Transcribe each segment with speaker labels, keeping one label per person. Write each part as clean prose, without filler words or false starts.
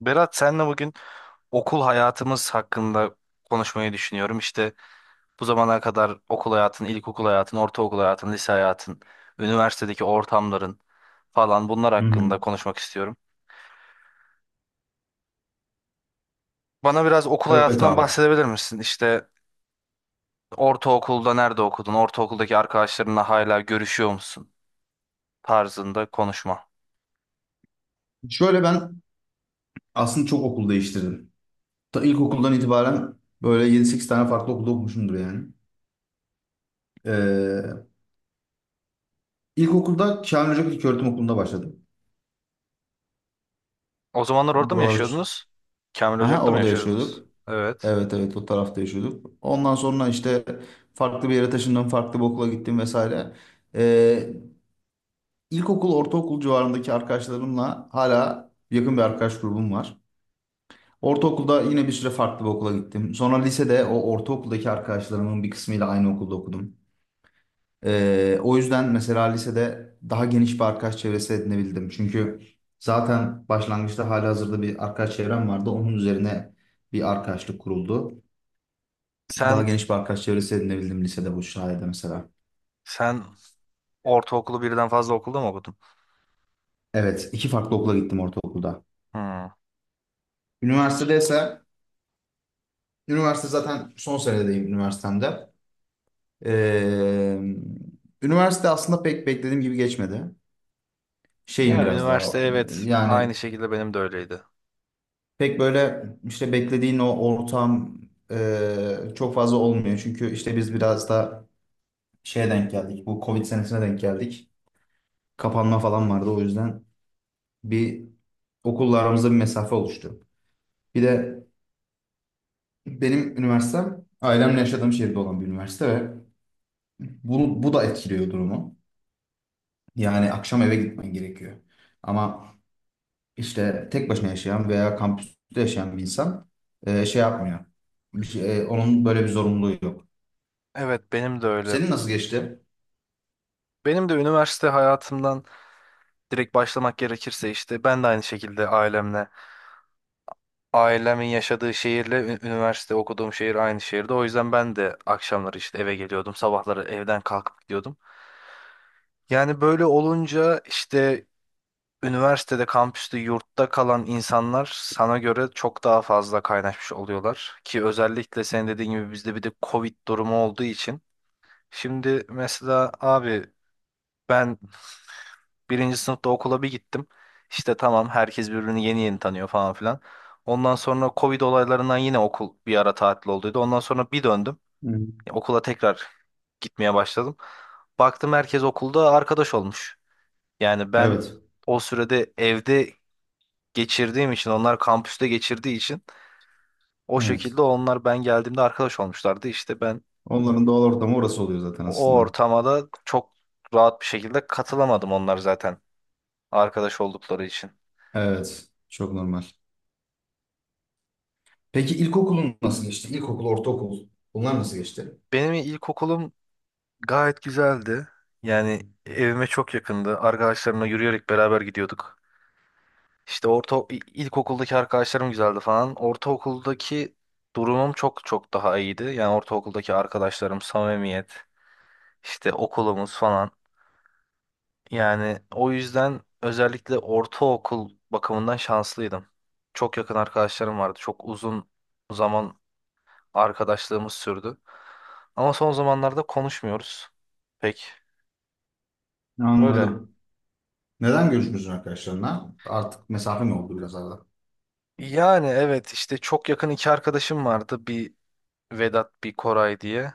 Speaker 1: Berat, senle bugün okul hayatımız hakkında konuşmayı düşünüyorum. İşte bu zamana kadar okul hayatın, ilkokul hayatın, ortaokul hayatın, lise hayatın, üniversitedeki ortamların falan, bunlar
Speaker 2: Hı hı.
Speaker 1: hakkında konuşmak istiyorum. Bana biraz okul
Speaker 2: Evet
Speaker 1: hayatından
Speaker 2: abi.
Speaker 1: bahsedebilir misin? İşte ortaokulda nerede okudun? Ortaokuldaki arkadaşlarınla hala görüşüyor musun? Tarzında konuşma.
Speaker 2: Şöyle ben aslında çok okul değiştirdim. Ta ilkokuldan itibaren böyle yedi sekiz tane farklı okulda okumuşumdur yani. Ee, ilkokulda Kamil Hoca İlköğretim Okulu'nda başladım.
Speaker 1: O zamanlar orada mı
Speaker 2: Buralar.
Speaker 1: yaşıyordunuz? Kamil
Speaker 2: Aha,
Speaker 1: Ocak'ta mı
Speaker 2: Orada
Speaker 1: yaşıyordunuz?
Speaker 2: yaşıyorduk.
Speaker 1: Evet.
Speaker 2: Evet evet, o tarafta yaşıyorduk. Ondan sonra işte farklı bir yere taşındım, farklı bir okula gittim vesaire. Ee, ilkokul, ortaokul civarındaki arkadaşlarımla hala yakın bir arkadaş grubum var. Ortaokulda yine bir süre farklı bir okula gittim. Sonra lisede o ortaokuldaki arkadaşlarımın bir kısmıyla aynı okulda okudum. O yüzden mesela lisede daha geniş bir arkadaş çevresi edinebildim. Çünkü zaten başlangıçta halihazırda bir arkadaş çevrem vardı. Onun üzerine bir arkadaşlık kuruldu. Daha
Speaker 1: Sen
Speaker 2: geniş bir arkadaş çevresi edinebildim lisede bu sayede mesela.
Speaker 1: sen ortaokulu birden fazla okulda mı okudun?
Speaker 2: Evet, iki farklı okula gittim ortaokulda.
Speaker 1: Hmm.
Speaker 2: Üniversitede ise, üniversite zaten son senedeyim üniversitemde. Ee, üniversite aslında pek beklediğim gibi geçmedi. Şeyim
Speaker 1: Ya,
Speaker 2: biraz daha
Speaker 1: üniversite evet,
Speaker 2: yani
Speaker 1: aynı şekilde benim de öyleydi.
Speaker 2: pek böyle işte beklediğin o ortam çok fazla olmuyor. Çünkü işte biz biraz da şeye denk geldik. Bu Covid senesine denk geldik. Kapanma falan vardı, o yüzden bir okulla aramızda bir mesafe oluştu. Bir de benim üniversitem ailemle yaşadığım şehirde olan bir üniversite ve bu da etkiliyor durumu. Yani akşam eve gitmen gerekiyor. Ama işte tek başına yaşayan veya kampüste yaşayan bir insan şey yapmıyor. Onun böyle bir zorunluluğu yok.
Speaker 1: Evet, benim de öyle.
Speaker 2: Senin nasıl geçti?
Speaker 1: Benim de üniversite hayatımdan direkt başlamak gerekirse işte ben de aynı şekilde ailemle. Ailemin yaşadığı şehirle üniversite okuduğum şehir aynı şehirde. O yüzden ben de akşamları işte eve geliyordum. Sabahları evden kalkıp gidiyordum. Yani böyle olunca işte üniversitede, kampüste, yurtta kalan insanlar sana göre çok daha fazla kaynaşmış oluyorlar. Ki özellikle senin dediğin gibi bizde bir de Covid durumu olduğu için. Şimdi mesela abi, ben birinci sınıfta okula bir gittim. İşte tamam, herkes birbirini yeni yeni tanıyor falan filan. Ondan sonra Covid olaylarından yine okul bir ara tatil olduydu. Ondan sonra bir döndüm.
Speaker 2: Hı.
Speaker 1: Ya, okula tekrar gitmeye başladım. Baktım herkes okulda arkadaş olmuş. Yani ben
Speaker 2: Evet.
Speaker 1: o sürede evde geçirdiğim için, onlar kampüste geçirdiği için o
Speaker 2: Evet.
Speaker 1: şekilde, onlar ben geldiğimde arkadaş olmuşlardı. İşte ben
Speaker 2: Onların doğal ortamı orası oluyor zaten
Speaker 1: o
Speaker 2: aslında.
Speaker 1: ortama da çok rahat bir şekilde katılamadım, onlar zaten arkadaş oldukları için.
Speaker 2: Evet. Çok normal. Peki ilkokulun nasıl geçti? İlkokul, ortaokul, bunlar nasıl geçti?
Speaker 1: Benim ilkokulum gayet güzeldi. Yani evime çok yakındı. Arkadaşlarımla yürüyerek beraber gidiyorduk. İşte ilkokuldaki arkadaşlarım güzeldi falan. Ortaokuldaki durumum çok çok daha iyiydi. Yani ortaokuldaki arkadaşlarım, samimiyet, işte okulumuz falan. Yani o yüzden özellikle ortaokul bakımından şanslıydım. Çok yakın arkadaşlarım vardı. Çok uzun zaman arkadaşlığımız sürdü. Ama son zamanlarda konuşmuyoruz pek öyle.
Speaker 2: Anladım. Neden görüşmüyorsun arkadaşlarına? Artık mesafe mi oldu biraz arada?
Speaker 1: Yani evet, işte çok yakın iki arkadaşım vardı. Bir Vedat, bir Koray diye.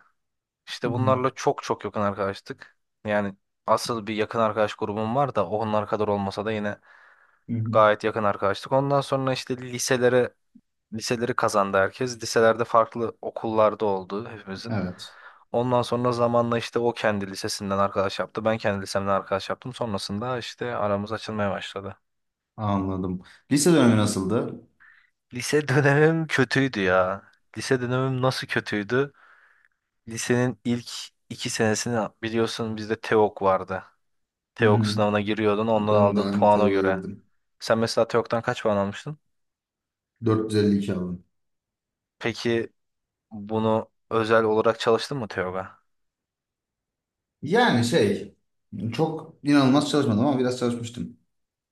Speaker 2: Hı
Speaker 1: İşte
Speaker 2: hı.
Speaker 1: bunlarla çok çok yakın arkadaştık. Yani asıl bir yakın arkadaş grubum var da onlar kadar olmasa da yine
Speaker 2: Hı hı.
Speaker 1: gayet yakın arkadaştık. Ondan sonra işte liseleri kazandı herkes. Liselerde farklı okullarda oldu hepimizin.
Speaker 2: Evet,
Speaker 1: Ondan sonra zamanla işte o kendi lisesinden arkadaş yaptı. Ben kendi lisemden arkadaş yaptım. Sonrasında işte aramız açılmaya başladı.
Speaker 2: anladım. Lise dönemi nasıldı?
Speaker 1: Lise dönemim kötüydü ya. Lise dönemim nasıl kötüydü? Lisenin ilk iki senesini biliyorsun, bizde TEOG vardı.
Speaker 2: Hı
Speaker 1: TEOG
Speaker 2: hı.
Speaker 1: sınavına giriyordun, ondan
Speaker 2: Ben de
Speaker 1: aldığın
Speaker 2: aynı
Speaker 1: puana
Speaker 2: TEO'ya
Speaker 1: göre.
Speaker 2: girdim.
Speaker 1: Sen mesela TEOG'dan kaç puan almıştın?
Speaker 2: 452 aldım.
Speaker 1: Peki bunu özel olarak çalıştın mı TEOG'a?
Speaker 2: Yani şey, çok inanılmaz çalışmadım ama biraz çalışmıştım.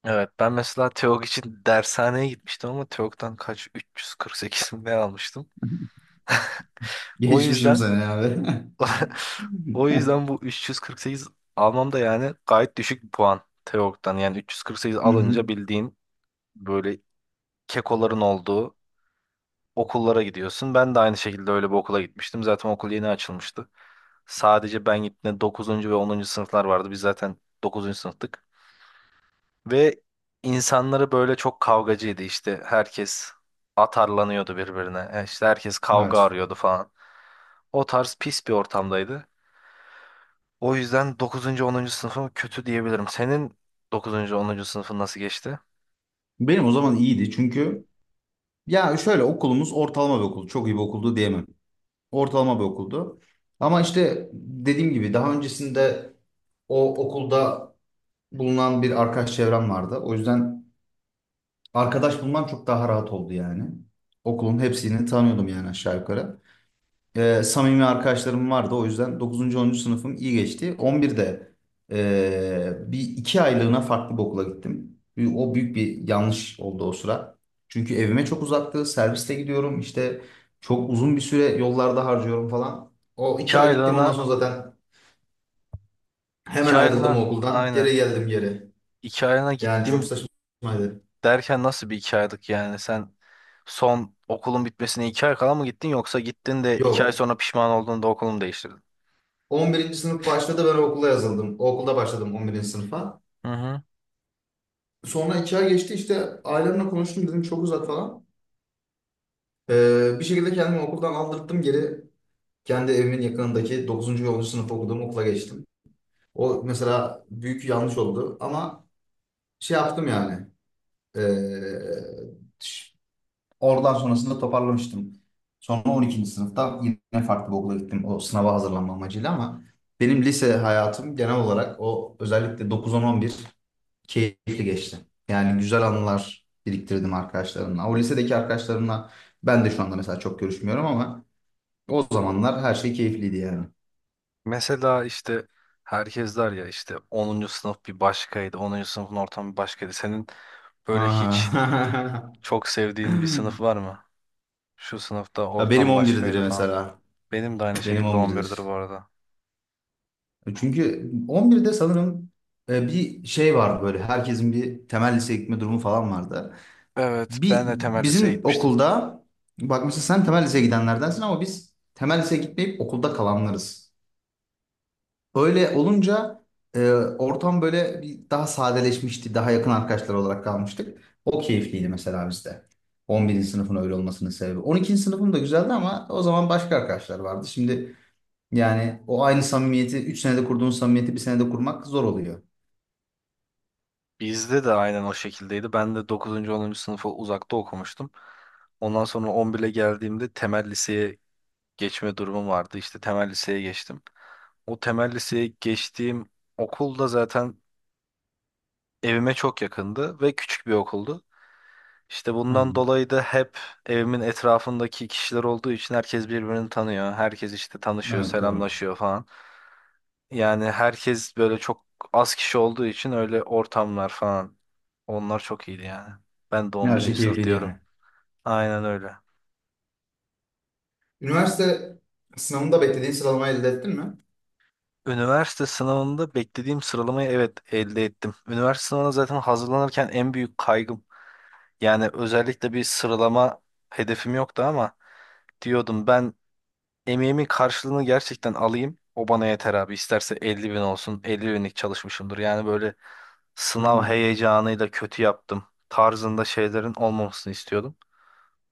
Speaker 1: Evet, ben mesela TEOG için dershaneye gitmiştim ama TEOG'dan kaç, 348 mi ne almıştım. O
Speaker 2: Geçmişim
Speaker 1: yüzden
Speaker 2: seni abi.
Speaker 1: o yüzden bu 348 almam da yani gayet düşük bir puan TEOG'dan. Yani 348
Speaker 2: Hı hı.
Speaker 1: alınca bildiğin böyle kekoların olduğu okullara gidiyorsun. Ben de aynı şekilde öyle bir okula gitmiştim. Zaten okul yeni açılmıştı. Sadece ben gittiğimde 9. ve 10. sınıflar vardı. Biz zaten 9. sınıftık. Ve insanları böyle çok kavgacıydı işte. Herkes atarlanıyordu birbirine. İşte herkes kavga
Speaker 2: Evet.
Speaker 1: arıyordu falan. O tarz pis bir ortamdaydı. O yüzden dokuzuncu onuncu sınıfım kötü diyebilirim. Senin dokuzuncu onuncu sınıfın nasıl geçti?
Speaker 2: Benim o zaman iyiydi çünkü ya şöyle, okulumuz ortalama bir okul. Çok iyi bir okuldu diyemem. Ortalama bir okuldu. Ama işte dediğim gibi daha öncesinde o okulda bulunan bir arkadaş çevrem vardı. O yüzden arkadaş bulmam çok daha rahat oldu yani. Okulun hepsini tanıyordum yani aşağı yukarı. Samimi arkadaşlarım vardı. O yüzden dokuzuncu onuncu sınıfım iyi geçti. 11'de bir iki aylığına farklı bir okula gittim. O büyük bir yanlış oldu o sıra. Çünkü evime çok uzaktı. Serviste gidiyorum. İşte çok uzun bir süre yollarda harcıyorum falan. O
Speaker 1: 2
Speaker 2: 2 ay gittim, ondan sonra
Speaker 1: aylığına,
Speaker 2: zaten
Speaker 1: 2
Speaker 2: hemen ayrıldım o
Speaker 1: aylığına
Speaker 2: okuldan.
Speaker 1: aynen.
Speaker 2: Geri geldim geri.
Speaker 1: 2 aylığına
Speaker 2: Yani çok
Speaker 1: gittim
Speaker 2: saçmaydı.
Speaker 1: derken, nasıl bir 2 aylık yani? Sen son okulun bitmesine 2 ay kala mı gittin, yoksa gittin de iki ay
Speaker 2: Yok.
Speaker 1: sonra pişman olduğunda okulumu değiştirdin?
Speaker 2: 11. sınıf başladı, ben o okula yazıldım. O okulda başladım 11. sınıfa.
Speaker 1: Hı hı.
Speaker 2: Sonra 2 ay geçti, işte ailemle konuştum, dedim çok uzak falan. Bir şekilde kendimi okuldan aldırttım geri. Kendi evimin yakınındaki dokuzuncu ve 10. sınıf okuduğum okula geçtim. O mesela büyük yanlış oldu ama şey yaptım yani. Ee, ş- oradan sonrasında toparlamıştım. Sonra 12. sınıfta yine farklı bir okula gittim, o sınava hazırlanma amacıyla, ama benim lise hayatım genel olarak, o özellikle 9 on on bir, keyifli geçti. Yani güzel anılar biriktirdim arkadaşlarımla. O lisedeki arkadaşlarımla ben de şu anda mesela çok görüşmüyorum ama o zamanlar her şey keyifliydi yani.
Speaker 1: Mesela işte herkes der ya, işte onuncu sınıf bir başkaydı, onuncu sınıfın ortamı bir başkaydı. Senin böyle hiç
Speaker 2: Aha.
Speaker 1: çok sevdiğin bir sınıf var mı? Şu sınıfta
Speaker 2: Ya benim
Speaker 1: ortam
Speaker 2: 11'dir
Speaker 1: başkaydı falan.
Speaker 2: mesela.
Speaker 1: Benim de aynı
Speaker 2: Benim
Speaker 1: şekilde 11'dir bu
Speaker 2: 11'dir.
Speaker 1: arada.
Speaker 2: Çünkü 11'de sanırım bir şey vardı böyle. Herkesin bir temel liseye gitme durumu falan vardı.
Speaker 1: Evet,
Speaker 2: Bir
Speaker 1: ben de temel liseye
Speaker 2: bizim
Speaker 1: gitmiştim.
Speaker 2: okulda, bak mesela sen temel liseye gidenlerdensin ama biz temel liseye gitmeyip okulda kalanlarız. Böyle olunca ortam böyle bir daha sadeleşmişti. Daha yakın arkadaşlar olarak kalmıştık. O keyifliydi mesela bizde. 11. sınıfın öyle olmasının sebebi. 12. sınıfım da güzeldi ama o zaman başka arkadaşlar vardı. Şimdi yani o aynı samimiyeti 3 senede kurduğun samimiyeti bir senede kurmak zor oluyor.
Speaker 1: Bizde de aynen o şekildeydi. Ben de dokuzuncu onuncu sınıfı uzakta okumuştum. Ondan sonra 11'e geldiğimde temel liseye geçme durumum vardı. İşte temel liseye geçtim. O temel liseye geçtiğim okulda zaten evime çok yakındı ve küçük bir okuldu. İşte bundan
Speaker 2: Aynen.
Speaker 1: dolayı da hep evimin etrafındaki kişiler olduğu için herkes birbirini tanıyor. Herkes işte tanışıyor,
Speaker 2: Evet, doğru.
Speaker 1: selamlaşıyor falan. Yani herkes böyle çok az kişi olduğu için öyle ortamlar falan. Onlar çok iyiydi yani. Ben de
Speaker 2: Ne
Speaker 1: on
Speaker 2: her şey
Speaker 1: birinci sınıf
Speaker 2: keyifliydi
Speaker 1: diyorum.
Speaker 2: yani.
Speaker 1: Aynen öyle.
Speaker 2: Üniversite sınavında beklediğin sıralamayı elde ettin mi?
Speaker 1: Üniversite sınavında beklediğim sıralamayı, evet, elde ettim. Üniversite sınavına zaten hazırlanırken en büyük kaygım. Yani özellikle bir sıralama hedefim yoktu ama diyordum ben, emeğimin karşılığını gerçekten alayım. O bana yeter abi. İsterse 50 bin olsun. 50 binlik çalışmışımdır. Yani böyle
Speaker 2: Hı
Speaker 1: sınav
Speaker 2: hı.
Speaker 1: heyecanıyla kötü yaptım tarzında şeylerin olmamasını istiyordum.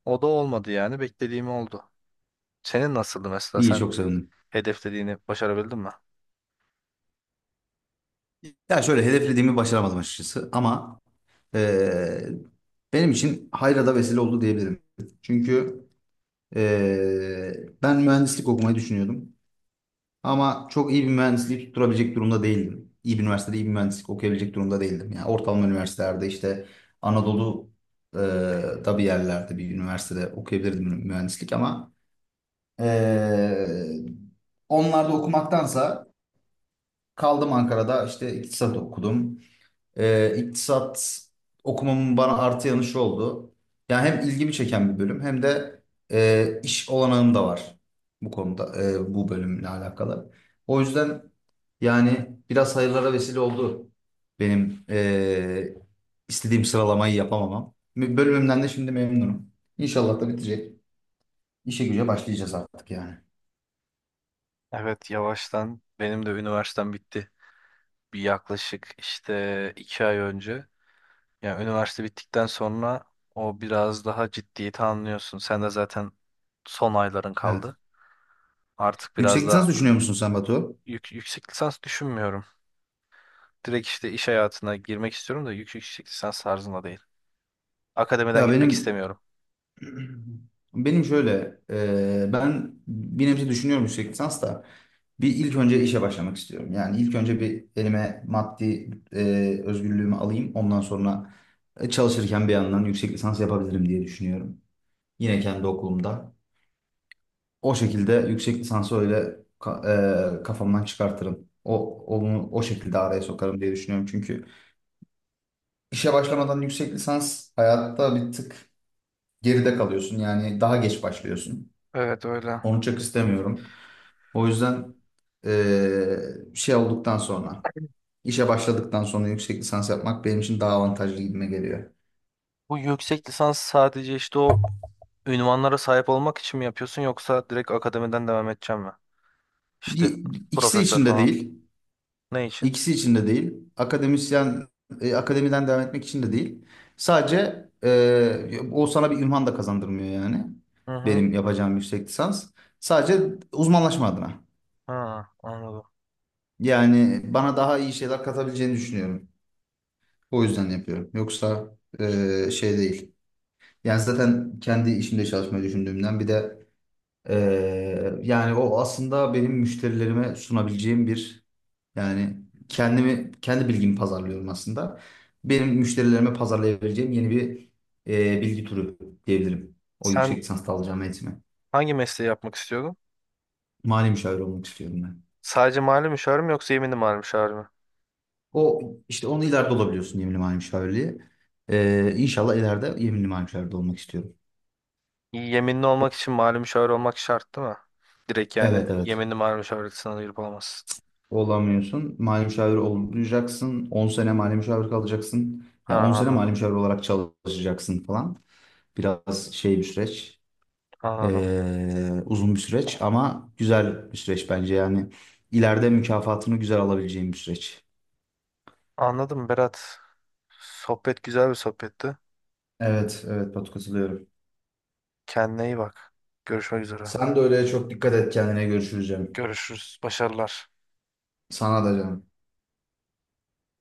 Speaker 1: O da olmadı yani. Beklediğim oldu. Senin nasıldı mesela?
Speaker 2: İyi,
Speaker 1: Sen
Speaker 2: çok sevindim.
Speaker 1: hedeflediğini başarabildin mi?
Speaker 2: Ya şöyle, hedeflediğimi başaramadım açıkçası ama eee, benim için hayra da vesile oldu diyebilirim. Çünkü ben mühendislik okumayı düşünüyordum ama çok iyi bir mühendisliği tutturabilecek durumda değildim. İyi bir üniversitede iyi bir mühendislik okuyabilecek durumda değildim. Yani ortalama üniversitelerde, işte Anadolu eee, da bir yerlerde bir üniversitede okuyabilirdim mühendislik ama eee onlarda okumaktansa kaldım Ankara'da, işte iktisat okudum. İktisat okumamın bana artı yanı şu oldu. Yani hem ilgimi çeken bir bölüm hem de iş olanağım da var bu konuda, bu bölümle alakalı. O yüzden yani biraz hayırlara vesile oldu benim istediğim sıralamayı yapamamam. Bölümümden de şimdi memnunum. İnşallah da bitecek. İşe güce başlayacağız artık yani.
Speaker 1: Evet, yavaştan benim de üniversitem bitti. Bir yaklaşık işte 2 ay önce. Yani üniversite bittikten sonra o biraz daha ciddiyeti anlıyorsun. Sen de zaten son ayların
Speaker 2: Evet.
Speaker 1: kaldı. Artık
Speaker 2: Yüksek
Speaker 1: biraz
Speaker 2: lisans
Speaker 1: da
Speaker 2: düşünüyor musun sen Batu?
Speaker 1: yüksek lisans düşünmüyorum. Direkt işte iş hayatına girmek istiyorum da yüksek lisans tarzında değil. Akademiden
Speaker 2: Ya
Speaker 1: gitmek
Speaker 2: benim
Speaker 1: istemiyorum.
Speaker 2: benim şöyle ben bir nebze düşünüyorum yüksek lisans da, bir ilk önce işe başlamak istiyorum. Yani ilk önce bir elime maddi özgürlüğümü alayım. Ondan sonra çalışırken bir yandan yüksek lisans yapabilirim diye düşünüyorum. Yine kendi okulumda. O şekilde yüksek lisansı öyle kafamdan çıkartırım. Onu o şekilde araya sokarım diye düşünüyorum. Çünkü işe başlamadan yüksek lisans hayatta bir tık geride kalıyorsun. Yani daha geç başlıyorsun.
Speaker 1: Evet öyle.
Speaker 2: Onu çok istemiyorum. O yüzden şey olduktan sonra, işe başladıktan sonra yüksek lisans yapmak benim için daha avantajlı gibime geliyor.
Speaker 1: Bu yüksek lisans sadece işte o ünvanlara sahip olmak için mi yapıyorsun, yoksa direkt akademiden devam edeceğim mi? İşte
Speaker 2: Y- İkisi
Speaker 1: profesör
Speaker 2: için de
Speaker 1: falan.
Speaker 2: değil.
Speaker 1: Ne için?
Speaker 2: İkisi için de değil. Akademiden devam etmek için de değil. Sadece o sana bir ünvan da kazandırmıyor yani.
Speaker 1: Hı hı.
Speaker 2: Benim yapacağım yüksek lisans. Sadece uzmanlaşma adına.
Speaker 1: Ha, anladım.
Speaker 2: Yani bana daha iyi şeyler katabileceğini düşünüyorum. O yüzden yapıyorum. Yoksa şey değil. Yani zaten kendi işimde çalışmayı düşündüğümden bir de e, yani o aslında benim müşterilerime sunabileceğim bir. Yani kendimi, kendi bilgimi pazarlıyorum aslında. Benim müşterilerime pazarlayabileceğim yeni bir bilgi turu diyebilirim. O yüksek
Speaker 1: Sen
Speaker 2: lisansta alacağım eğitimi.
Speaker 1: hangi mesleği yapmak istiyordun?
Speaker 2: Mali müşavir olmak istiyorum ben.
Speaker 1: Sadece mali müşavir mi yoksa yeminli mali müşavir mi?
Speaker 2: O işte onu ileride olabiliyorsun, yeminli mali müşavirliği. İnşallah ileride yeminli mali müşavir de olmak istiyorum.
Speaker 1: Yeminli olmak için mali müşavir olmak şart değil mi? Direkt yani
Speaker 2: Evet evet.
Speaker 1: yeminli mali müşavirlik sınavına girip olamazsın.
Speaker 2: Olamıyorsun. Mali müşavir olacaksın. 10 sene mali müşavir kalacaksın.
Speaker 1: Ha,
Speaker 2: Yani 10 sene mali
Speaker 1: anladım.
Speaker 2: müşavir olarak çalışacaksın falan. Biraz şey bir süreç.
Speaker 1: Anladım.
Speaker 2: Uzun bir süreç ama güzel bir süreç bence yani ileride mükafatını güzel alabileceğim bir süreç.
Speaker 1: Anladım Berat. Sohbet güzel bir sohbetti.
Speaker 2: Evet, evet Batu, katılıyorum.
Speaker 1: Kendine iyi bak. Görüşmek üzere.
Speaker 2: Sen de öyle, çok dikkat et kendine, görüşürüz canım.
Speaker 1: Görüşürüz. Başarılar.
Speaker 2: Sana da canım.